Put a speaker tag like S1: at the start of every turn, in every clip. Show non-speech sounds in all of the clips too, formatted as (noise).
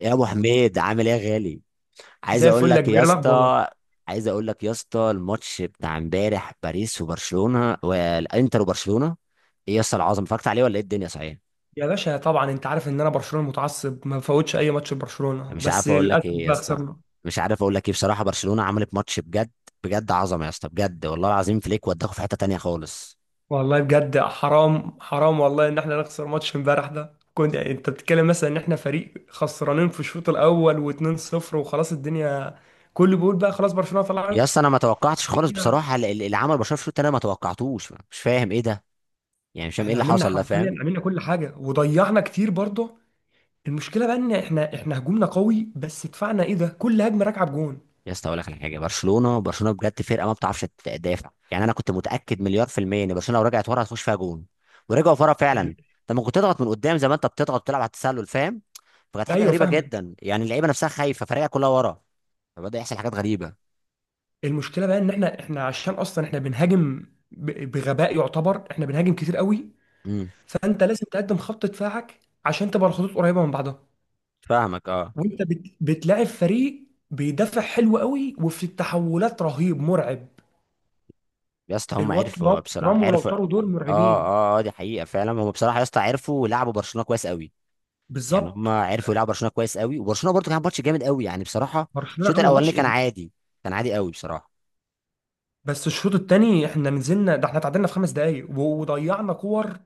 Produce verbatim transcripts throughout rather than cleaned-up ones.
S1: يا ابو حميد، عامل ايه يا غالي؟ عايز
S2: زي
S1: اقول
S2: الفل يا
S1: لك
S2: كبير،
S1: يا
S2: إيه الاخبار؟
S1: اسطى. عايز اقول لك يا اسطى، الماتش بتاع امبارح، باريس وبرشلونه والانتر وبرشلونه، ايه يا اسطى العظمه؟ اتفرجت عليه ولا ايه الدنيا صحيح؟
S2: يا باشا طبعا انت عارف ان انا برشلونه متعصب، ما بفوتش اي ماتش لبرشلونه،
S1: مش
S2: بس
S1: عارف اقول لك
S2: للاسف
S1: ايه يا
S2: بقى
S1: اسطى.
S2: خسرنا.
S1: مش عارف اقول لك ايه، بصراحه برشلونه عملت ماتش بجد. بجد عظمه يا اسطى، بجد والله العظيم. فليك وداكوا في حته تانية خالص.
S2: والله بجد حرام، حرام والله ان احنا نخسر ماتش امبارح ده، كنت يعني انت بتتكلم مثلا ان احنا فريق خسرانين في الشوط الاول و2-0 وخلاص، الدنيا كله بيقول بقى خلاص برشلونه
S1: يا
S2: طلعت.
S1: اسطى انا ما توقعتش خالص،
S2: نرجع.
S1: بصراحه ال- ال- اللي عمل برشلونه في الشوط التاني أنا ما توقعتوش، مش فاهم ايه ده. يعني مش فاهم ايه
S2: احنا
S1: اللي
S2: عملنا
S1: حصل ده، فاهم؟
S2: حرفيا، عملنا كل حاجه وضيعنا كتير برضه. المشكله بقى ان احنا احنا هجومنا قوي، بس دفاعنا ايه ده، كل هجمه راكعه بجون.
S1: يا اسطى اقول لك على حاجه، برشلونه برشلونه بجد فرقه ما بتعرفش تدافع. يعني انا كنت متاكد مليار في الميه ان برشلونه لو رجعت ورا هتخش فيها جون. ورجعوا ورا فعلا.
S2: يعني-
S1: انت ممكن تضغط من قدام زي ما انت بتضغط، بتلعب على التسلل، فاهم؟ فكانت حاجه
S2: ايوه
S1: غريبه
S2: فاهمك.
S1: جدا، يعني اللعيبه نفسها خايفه، فريقها كلها ورا. فبدا يحصل حاجات غريبه.
S2: المشكله بقى ان احنا احنا عشان اصلا احنا بنهاجم ب- بغباء، يعتبر احنا بنهاجم كتير قوي.
S1: امم.
S2: فانت لازم تقدم خط دفاعك عشان تبقى الخطوط قريبه من بعضها.
S1: فاهمك اه.
S2: وانت بت... بتلاعب فريق بيدافع حلو قوي، وفي التحولات رهيب مرعب.
S1: يا اسطى هم
S2: الواد ترام
S1: عرفوا بصراحه،
S2: ترام ولو
S1: عرفوا اه.
S2: طاروا دول مرعبين.
S1: اه اه، دي حقيقه فعلا. هم بصراحه يا اسطى عرفوا يلعبوا برشلونه كويس قوي. يعني هم
S2: بالظبط.
S1: عرفوا يلعبوا برشلونه كويس قوي. وبرشلونه برضو كان ماتش جامد قوي، يعني بصراحه.
S2: برشلونه
S1: الشوط
S2: عامله
S1: الاولاني
S2: ماتش
S1: كان
S2: إيه؟
S1: عادي، كان عادي قوي بصراحه.
S2: بس الشوط الثاني احنا نزلنا، ده احنا اتعادلنا في خمس دقائق و- وضيعنا كور.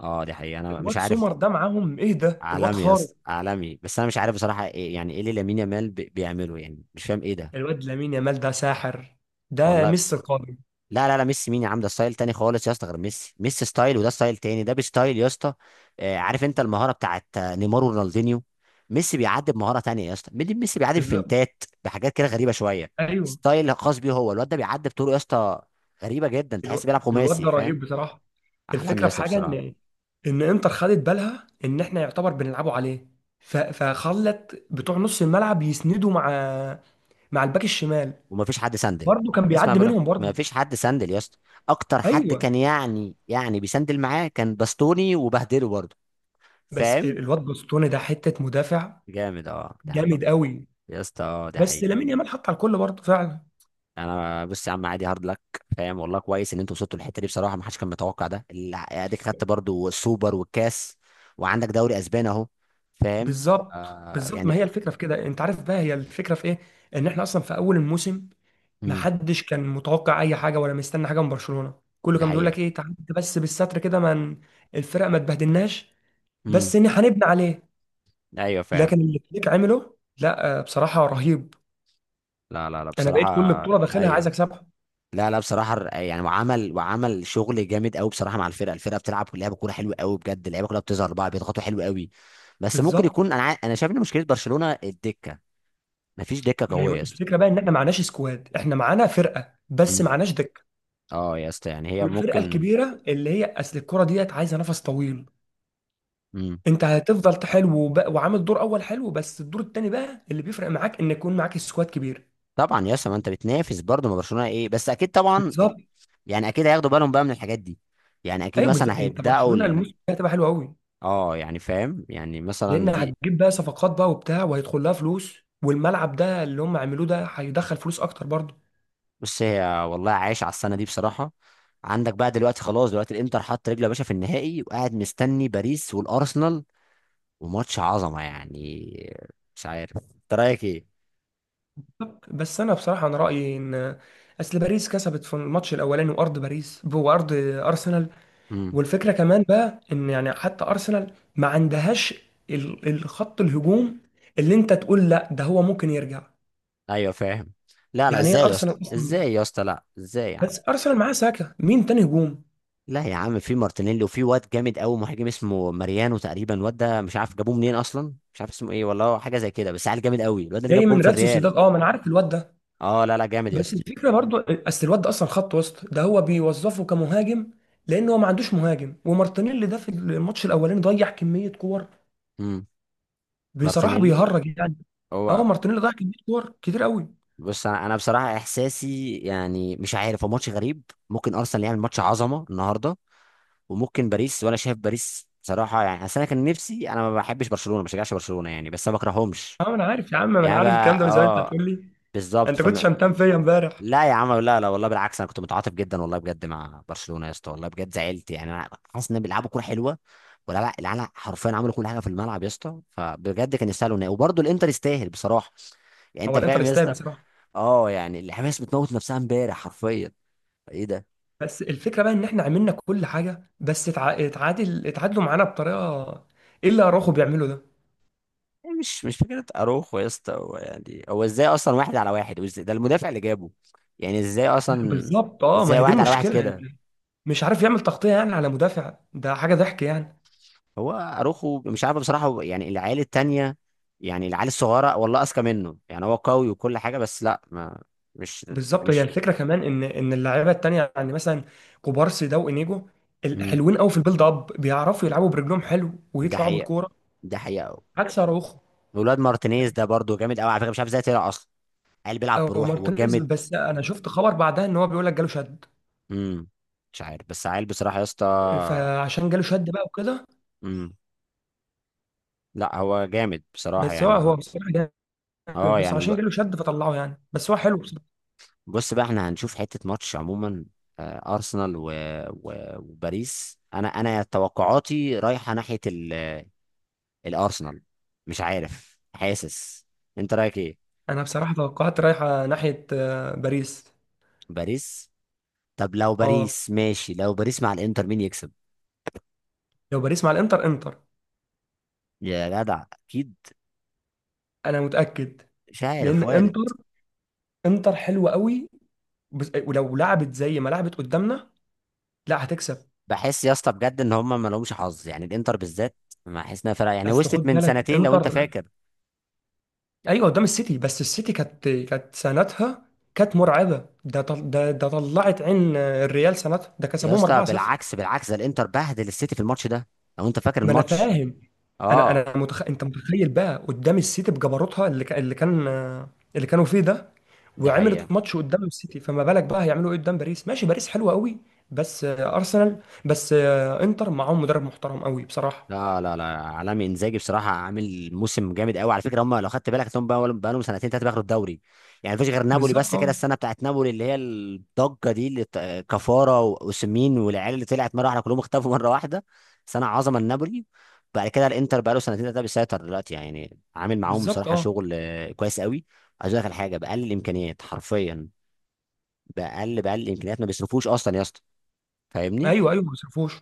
S1: اه، دي حقيقة انا مش
S2: الواد
S1: عارف.
S2: سومر ده معاهم ايه ده، الواد
S1: عالمي يا اسطى،
S2: خارق.
S1: عالمي. بس انا مش عارف بصراحة إيه يعني ايه اللي لامين يامال بي- بيعمله، يعني مش فاهم ايه ده.
S2: الواد لامين يامال ده ساحر، ده
S1: والله،
S2: ميسي القادم.
S1: لا لا لا، ميسي مين يا عم؟ ده ستايل تاني خالص يا اسطى. غير ميسي، ميسي ستايل، وده ستايل تاني، ده بستايل يا اسطى. آه، عارف انت المهارة بتاعت آه، نيمار ورونالدينيو. ميسي بيعدي بمهارة تانية يا اسطى، ميدي- ميسي بيعدي بفنتات، بحاجات كده غريبة شوية.
S2: ايوه.
S1: ستايل خاص بيه هو. الواد ده بيعدي بطرق يا اسطى غريبة جدا، تحس
S2: الو...
S1: بيلعب
S2: الواد
S1: خماسي،
S2: ده
S1: فاهم؟
S2: رهيب بصراحه.
S1: عالمي
S2: الفكره
S1: يا
S2: في
S1: اسطى
S2: حاجه
S1: بصراحة.
S2: ان ان انتر خدت بالها ان احنا يعتبر بنلعبوا عليه. ف... فخلت بتوع نص الملعب يسندوا مع مع الباك الشمال.
S1: وما فيش حد سندل.
S2: برضه كان
S1: اسمع،
S2: بيعدي
S1: بقولك
S2: منهم
S1: ما
S2: برضه.
S1: فيش حد سندل يا اسطى. اكتر حد
S2: ايوه.
S1: كان يعني يعني بيسندل معاه كان باستوني، وبهدله برضه،
S2: بس ال-
S1: فاهم؟
S2: الواد بوستوني ده حته مدافع،
S1: جامد اه، ده حقيقي.
S2: جامد قوي.
S1: يا اسطى اه، ده
S2: بس
S1: حقيقي.
S2: لامين يامال حط على الكل برضه فعلا.
S1: انا بص يا عم، عادي، هارد لك. فاهم والله. كويس ان انتوا وصلتوا للحته دي بصراحه، ما حدش كان متوقع. ده ال- اديك خدت برضه السوبر والكاس، وعندك دوري اسباني اهو، فاهم؟
S2: بالظبط،
S1: آه
S2: بالظبط. ما هي
S1: يعني.
S2: الفكره في كده، انت عارف بقى هي الفكره في ايه؟ ان احنا اصلا في اول الموسم،
S1: امم.
S2: محدش كان متوقع اي حاجه ولا مستني حاجه من برشلونه. كله
S1: ده
S2: كان بيقول
S1: حقيقي.
S2: لك ايه، تعدي بس بالستر كده من الفرق، ما تبهدلناش،
S1: امم.
S2: بس ان هنبني عليه.
S1: ايوه فاهم.
S2: لكن اللي فليك عمله، لا آه، بصراحه رهيب.
S1: لا لا لا،
S2: انا بقيت كل
S1: بصراحه.
S2: بطوله داخلها عايز
S1: ايوه.
S2: اكسبها.
S1: لا لا بصراحه، الر- يعني وعمل وعمل شغل جامد قوي بصراحه مع الفرقه الفرقه بتلعب لعبه كوره حلوه قوي بجد. اللعيبه كلها بتظهر بقى، بيضغطوا حلو قوي. بس ممكن
S2: بالظبط.
S1: يكون انا عا- انا شايف ان مشكله برشلونه الدكه. مفيش دكه
S2: ما هي
S1: قويه يا اسطى.
S2: الفكره بقى ان احنا معناش سكواد، احنا معانا فرقه بس
S1: امم.
S2: معناش دكه.
S1: اه يا اسطى يعني هي
S2: والفرقه
S1: ممكن.
S2: الكبيره اللي هي اصل الكره ديت عايزه نفس طويل.
S1: امم.
S2: انت هتفضل حلو وب- وعامل دور اول حلو، بس الدور التاني بقى اللي بيفرق معاك ان يكون معاك سكواد كبير.
S1: طبعا يا اسطى، ما انت بتنافس برضه، ما برشلونه ايه؟ بس اكيد طبعا ال-
S2: بالظبط.
S1: يعني اكيد هياخدوا بالهم بقى من الحاجات دي. يعني اكيد
S2: ايوه بالظبط،
S1: مثلا
S2: انت
S1: هيبداوا
S2: برشلونه
S1: ال...
S2: الموسم ده هتبقى حلو قوي،
S1: اه يعني فاهم، يعني
S2: لان
S1: مثلا دي.
S2: هتجيب بقى صفقات بقى وبتاع وهيدخل لها فلوس. والملعب ده اللي هم عملوه ده هيدخل فلوس اكتر برضه.
S1: بص هي، والله عايش على السنه دي بصراحه. عندك بقى دلوقتي خلاص، دلوقتي الانتر حط رجله يا باشا في النهائي، وقاعد مستني باريس والارسنال، وماتش عظمه يعني. مش عارف انت رايك ايه.
S2: بالظبط. بس انا بصراحه انا رايي ان اصل باريس كسبت في الماتش الاولاني، وارض باريس وارض ارسنال.
S1: امم.
S2: والفكره كمان بقى ان يعني حتى ارسنال ما عندهاش ال- الخط الهجوم اللي انت تقول لا ده هو ممكن يرجع.
S1: ايوه فاهم. لا لا،
S2: يعني ايه
S1: ازاي يا اسطى؟
S2: ارسنال اصلا،
S1: ازاي يا اسطى؟ لا، ازاي يا
S2: بس
S1: عم؟
S2: ارسنال معاه ساكا، مين تاني هجوم؟
S1: لا يا عم، في مارتينيلي، وفي واد جامد قوي مهاجم اسمه ماريانو تقريبا. الواد ده مش عارف جابوه منين اصلا، مش عارف اسمه ايه والله، هو حاجه زي كده. بس عيل جامد قوي، الواد اللي جاب
S2: جاي
S1: جون
S2: من
S1: في
S2: ريال
S1: الريال.
S2: سوسيداد، اه ما انا عارف الواد ده.
S1: اه لا لا، جامد يا
S2: بس
S1: اسطى.
S2: الفكره برضو، اصل الواد ده اصلا خط وسط، ده هو بيوظفه كمهاجم لان هو ما عندوش مهاجم. ومارتينيلي ده في الماتش الاولاني ضيع كميه كور،
S1: امم.
S2: بصراحه
S1: مارتينيلي،
S2: بيهرج يعني. اه،
S1: هو.
S2: مارتينيلي ضيع كميه كور كتير قوي.
S1: بص انا انا بصراحه احساسي يعني مش عارف، هو ماتش غريب. ممكن ارسنال يعمل ماتش عظمه النهارده، وممكن باريس. ولا شايف باريس بصراحه يعني. اصل انا كان نفسي، انا ما بحبش برشلونه، ما بشجعش برشلونه يعني، بس انا ما بكرههمش.
S2: اه انا عارف يا عم، ما انا
S1: يعني
S2: عارف الكلام ده
S1: بقى
S2: من زمان، انت
S1: اه.
S2: هتقول لي
S1: بالظبط
S2: انت كنت
S1: فم...
S2: شمتان فيا امبارح.
S1: لا يا عم، لا لا والله بالعكس، انا كنت متعاطف جدا والله بجد مع برشلونه يا اسطى. والله بجد زعلت يعني انا، حاسس ان بيلعبوا كوره حلوه. ولا لا، العيال حرفيا عملوا كل حاجه في الملعب يا اسطى، فبجد كان يستاهلوا إن- وبرضه الانتر يستاهل بصراحه. يعني
S2: هو
S1: انت
S2: الانتر
S1: فاهم يا
S2: يستاهل
S1: اسطى؟
S2: بصراحه.
S1: اه يعني، الحماس بتموت نفسها امبارح حرفيا. ايه ده.
S2: بس الفكره بقى ان احنا عملنا كل حاجه، بس اتع- اتعادل اتعادلوا معانا بطريقه، ايه اللي اراخو بيعمله ده؟
S1: إيه، مش مش فكره اروخو يا اسطى. هو يعني هو ازاي اصلا واحد على واحد، وازاي ده المدافع اللي جابه؟ يعني ازاي اصلا؟
S2: بالظبط اه، ما
S1: ازاي
S2: هي دي
S1: واحد على واحد
S2: المشكله
S1: كده؟
S2: يعني. مش عارف يعمل تغطيه يعني على مدافع، ده حاجه ضحك يعني.
S1: هو اروخو مش عارف بصراحه هو، يعني العيال التانية، يعني العيال الصغيره والله اذكى منه يعني. هو قوي وكل حاجه بس لا ما، مش
S2: بالظبط. هي
S1: مش
S2: الفكره كمان ان ان اللعيبه التانيه يعني مثلا كوبارسي ده وانيجو، ال-
S1: مم.
S2: حلوين قوي في البيلد اب، بيعرفوا يلعبوا برجلهم حلو
S1: ده
S2: ويطلعوا
S1: حقيقه.
S2: بالكوره.
S1: ده حقيقه أوي.
S2: عكس اراوخو
S1: ولاد مارتينيز ده برضو جامد قوي على فكره، مش عارف ازاي طلع اصلا. عيل بيلعب
S2: او
S1: بروح
S2: مارتينيز.
S1: وجامد.
S2: بس انا شفت خبر بعدها ان هو بيقول لك جاله شد،
S1: امم. مش عارف، بس عيل بصراحه يا اسطى.
S2: فعشان جاله شد بقى وكده.
S1: امم. لا هو جامد بصراحة
S2: بس هو
S1: يعني.
S2: هو بصراحه جامد،
S1: اه
S2: بس
S1: يعني الو...
S2: عشان جاله شد فطلعه يعني، بس هو حلو بصراحه.
S1: بص بقى، احنا هنشوف حتة ماتش عموما. آه، أرسنال و... و... وباريس. أنا أنا توقعاتي رايحة ناحية ال... الأرسنال. مش عارف، حاسس. أنت رأيك إيه؟
S2: انا بصراحه توقعات رايحه ناحيه آه، باريس.
S1: باريس. طب لو
S2: اه.
S1: باريس ماشي، لو باريس مع الإنتر مين يكسب؟
S2: لو باريس مع الانتر، انتر.
S1: يا جدع أكيد.
S2: انا متاكد.
S1: مش عارف،
S2: لان
S1: وارد.
S2: انتر انتر حلوه قوي، بس- ولو لعبت زي ما لعبت قدامنا، لا هتكسب.
S1: بحس يا اسطى بجد إن هما ما لهمش حظ يعني، الإنتر بالذات. ما حاسس إنها فرقة يعني،
S2: اصل خد
S1: وصلت من
S2: بالك
S1: سنتين لو أنت
S2: انتر،
S1: فاكر.
S2: ايوه قدام السيتي، بس السيتي كانت كانت سنتها كانت مرعبه، ده طل... ده ده طلعت عين الريال سنتها، ده
S1: يا
S2: كسبوهم
S1: اسطى
S2: اربعة صفر.
S1: بالعكس، بالعكس، ده الانتر بهدل السيتي في الماتش ده، لو انت فاكر
S2: ما انا
S1: الماتش.
S2: فاهم. انا
S1: اه.
S2: انا متخ... انت متخيل بقى قدام السيتي بجبروتها، اللي ك... اللي كان اللي كانوا فيه ده،
S1: دي
S2: وعملت
S1: حقيقه.
S2: ماتش قدام السيتي، فما بالك بقى هيعملوا ايه قدام باريس؟ ماشي، باريس حلوه قوي، بس ارسنال، بس انتر معاهم مدرب محترم قوي بصراحه.
S1: لا لا لا، عالمي انزاجي بصراحه، عامل موسم جامد قوي على فكره. هم لو خدت بالك هم بقى لهم سنتين ثلاثه بياخدوا الدوري. يعني مفيش غير نابولي
S2: بالظبط
S1: بس كده،
S2: اه.
S1: السنه بتاعت نابولي اللي هي الضجه دي اللي ت- كفاره واوسيمين والعيال اللي طلعت مره واحده، كلهم اختفوا مره واحده. سنه عظمه لنابولي. بعد كده الانتر بقى له سنتين ثلاثه بيسيطر دلوقتي، يعني عامل معاهم
S2: بالظبط
S1: بصراحه
S2: اه.
S1: شغل آه، كويس قوي. عايز اقول لك على حاجه، باقل الامكانيات حرفيا. باقل باقل الامكانيات، ما بيصرفوش اصلا يا اسطى، فاهمني؟
S2: ايوه ايوه، ما صرفوش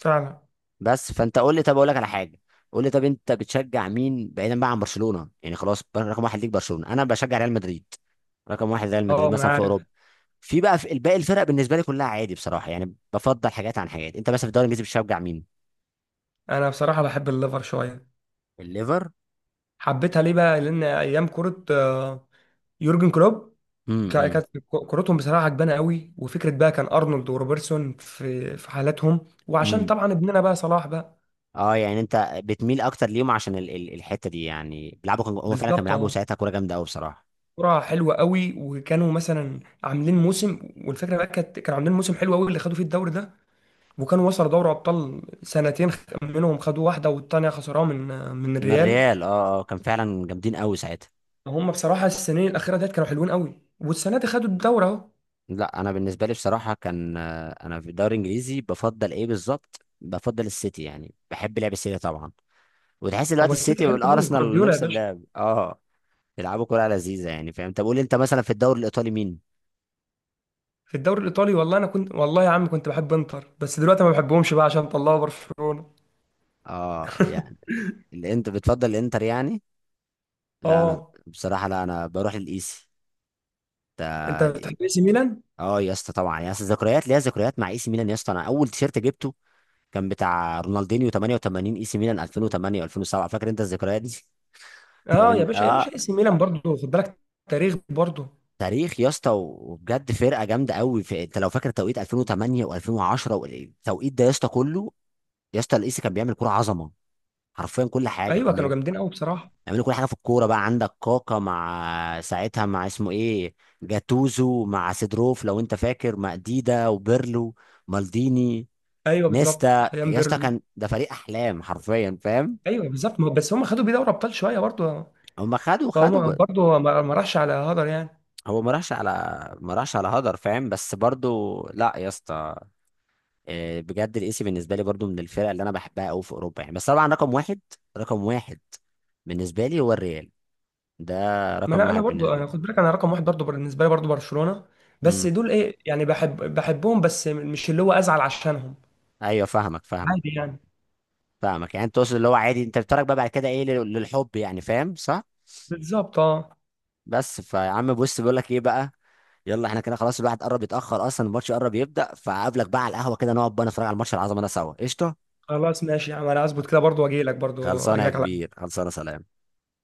S2: فعلا.
S1: بس فانت قول لي، طب اقول لك على حاجه، قول لي، طب انت بتشجع مين بعيدا بقى عن برشلونه؟ يعني خلاص رقم واحد ليك برشلونه. انا بشجع ريال مدريد. رقم واحد ريال مدريد
S2: اه ما
S1: مثلا
S2: انا
S1: في اوروبا.
S2: عارف.
S1: في بقى في باقي الفرق بالنسبه لي كلها عادي بصراحه، يعني بفضل حاجات عن حاجات. انت مثلا في الدوري الانجليزي بتشجع مين؟
S2: انا بصراحه بحب الليفر شويه.
S1: الليفر.
S2: حبيتها ليه بقى؟ لان ايام كره آه، يورجن كلوب، كا-
S1: امم.
S2: كانت كورتهم بصراحه عجبانه قوي، وفكره بقى كان ارنولد وروبرتسون في في حالاتهم، وعشان
S1: امم.
S2: طبعا ابننا بقى صلاح بقى.
S1: اه يعني انت بتميل اكتر ليهم عشان ال ال الحته دي. يعني بيلعبوا، كان هو فعلا كان
S2: بالظبط
S1: بيلعبوا
S2: اه.
S1: ساعتها كوره جامده قوي بصراحه.
S2: كره حلوه قوي، وكانوا مثلا عاملين موسم. والفكره بقى كانت كانوا عاملين موسم حلو قوي اللي خدوا فيه الدوري ده، وكانوا وصلوا دوري ابطال سنتين، خ- منهم خدوا واحده والتانيه خسروها من آه، من
S1: من
S2: الريال.
S1: الريال. اه اه، كان فعلا جامدين قوي ساعتها.
S2: هم بصراحه السنين الاخيره ديت كانوا حلوين قوي، والسنه دي خدوا الدوري اهو.
S1: لا انا بالنسبه لي بصراحه كان آه، انا في الدوري الانجليزي بفضل ايه بالظبط، بفضل السيتي يعني، بحب لعب السيتي طبعا. وتحس
S2: هو
S1: دلوقتي
S2: السيتي
S1: السيتي
S2: حلو قوي،
S1: والارسنال
S2: جوارديولا يا
S1: نفس
S2: باشا.
S1: اللعب اه. بيلعبوا كوره لذيذه يعني، فاهم؟ طب قول لي انت مثلا في الدوري الايطالي مين؟
S2: في الدوري الايطالي، والله انا كنت، والله يا عم كنت بحب انتر، بس دلوقتي ما بحبهمش بقى عشان طلعوا برشلونة.
S1: اه يعني
S2: (laughs)
S1: اللي انت بتفضل الانتر يعني. لا انا
S2: اه.
S1: بصراحه، لا انا بروح للايسي
S2: انت
S1: ده.
S2: بتحب اي سي ميلان.
S1: اه يا اسطى طبعا يا اسطى، ذكريات ليا ذكريات مع اي سي ميلان يا اسطى. انا اول تيشيرت جبته كان بتاع رونالدينيو تمانية وتمانين اي سي ميلان الفين وتمانية و2007، فاكر انت الذكريات دي؟ (laughs)
S2: اه يا
S1: فمن
S2: باشا يا باشا،
S1: اه.
S2: اي سي ميلان برضه خد بالك، تاريخ برضه.
S1: تاريخ يا اسطى، و- وبجد فرقه جامده قوي في، انت لو فاكر توقيت الفين وتمانية و2010 والتوقيت ده يا اسطى كله. يا اسطى القيسي كان بيعمل كوره عظمه، حرفيا كل حاجه
S2: ايوه
S1: كان
S2: كانوا
S1: بيعمل.
S2: جامدين قوي بصراحة.
S1: بيعملوا كل حاجه في الكوره. بقى عندك كاكا مع ساعتها مع اسمه ايه، جاتوزو مع سيدروف لو انت فاكر، مع ديدا وبيرلو، مالديني،
S2: ايوه بالظبط،
S1: نيستا
S2: ايام
S1: يا اسطى.
S2: بيرلي.
S1: كان ده فريق احلام حرفيا، فاهم؟
S2: ايوه بالظبط، ما- بس هم خدوا بيه دوري ابطال شوية برضه،
S1: هم خدوا خدوا
S2: فهم
S1: ب...
S2: برضه ما ما راحش على هدر يعني.
S1: هو ما راحش على، ما راحش على هدر، فاهم؟ بس برضو لا يا اسطى، آه، بجد الاسي بالنسبه لي برضو من الفرق اللي انا بحبها قوي في اوروبا يعني. بس طبعا رقم واحد، رقم واحد بالنسبه لي هو الريال ده،
S2: ما
S1: رقم
S2: انا انا
S1: واحد
S2: برضه
S1: بالنسبه لي.
S2: انا خد بالك، انا رقم واحد برضه بالنسبة لي، برضه برشلونة. بس
S1: امم.
S2: دول ايه يعني، بحب بحبهم، بس مش اللي هو ازعل عشانهم.
S1: ايوه فاهمك فاهمك
S2: عادي يعني.
S1: فاهمك. يعني انت تقصد اللي هو عادي، انت بتتفرج بقى بعد كده ايه لل- للحب يعني، فاهم صح؟
S2: بالظبط اه.
S1: بس فيا عم بص، بيقول لك ايه بقى، يلا احنا كده خلاص، الواحد قرب يتاخر اصلا، الماتش قرب يبدا، فقابلك بقى على القهوه كده، نقعد بقى نتفرج على الماتش العظمه ده سوا قشطه.
S2: خلاص ماشي يا عم، انا هظبط كده برضو واجي لك برضو
S1: خلصانه
S2: اجي
S1: يا
S2: لك على.
S1: كبير، خلصانه، سلام.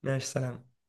S2: ماشي، سلام.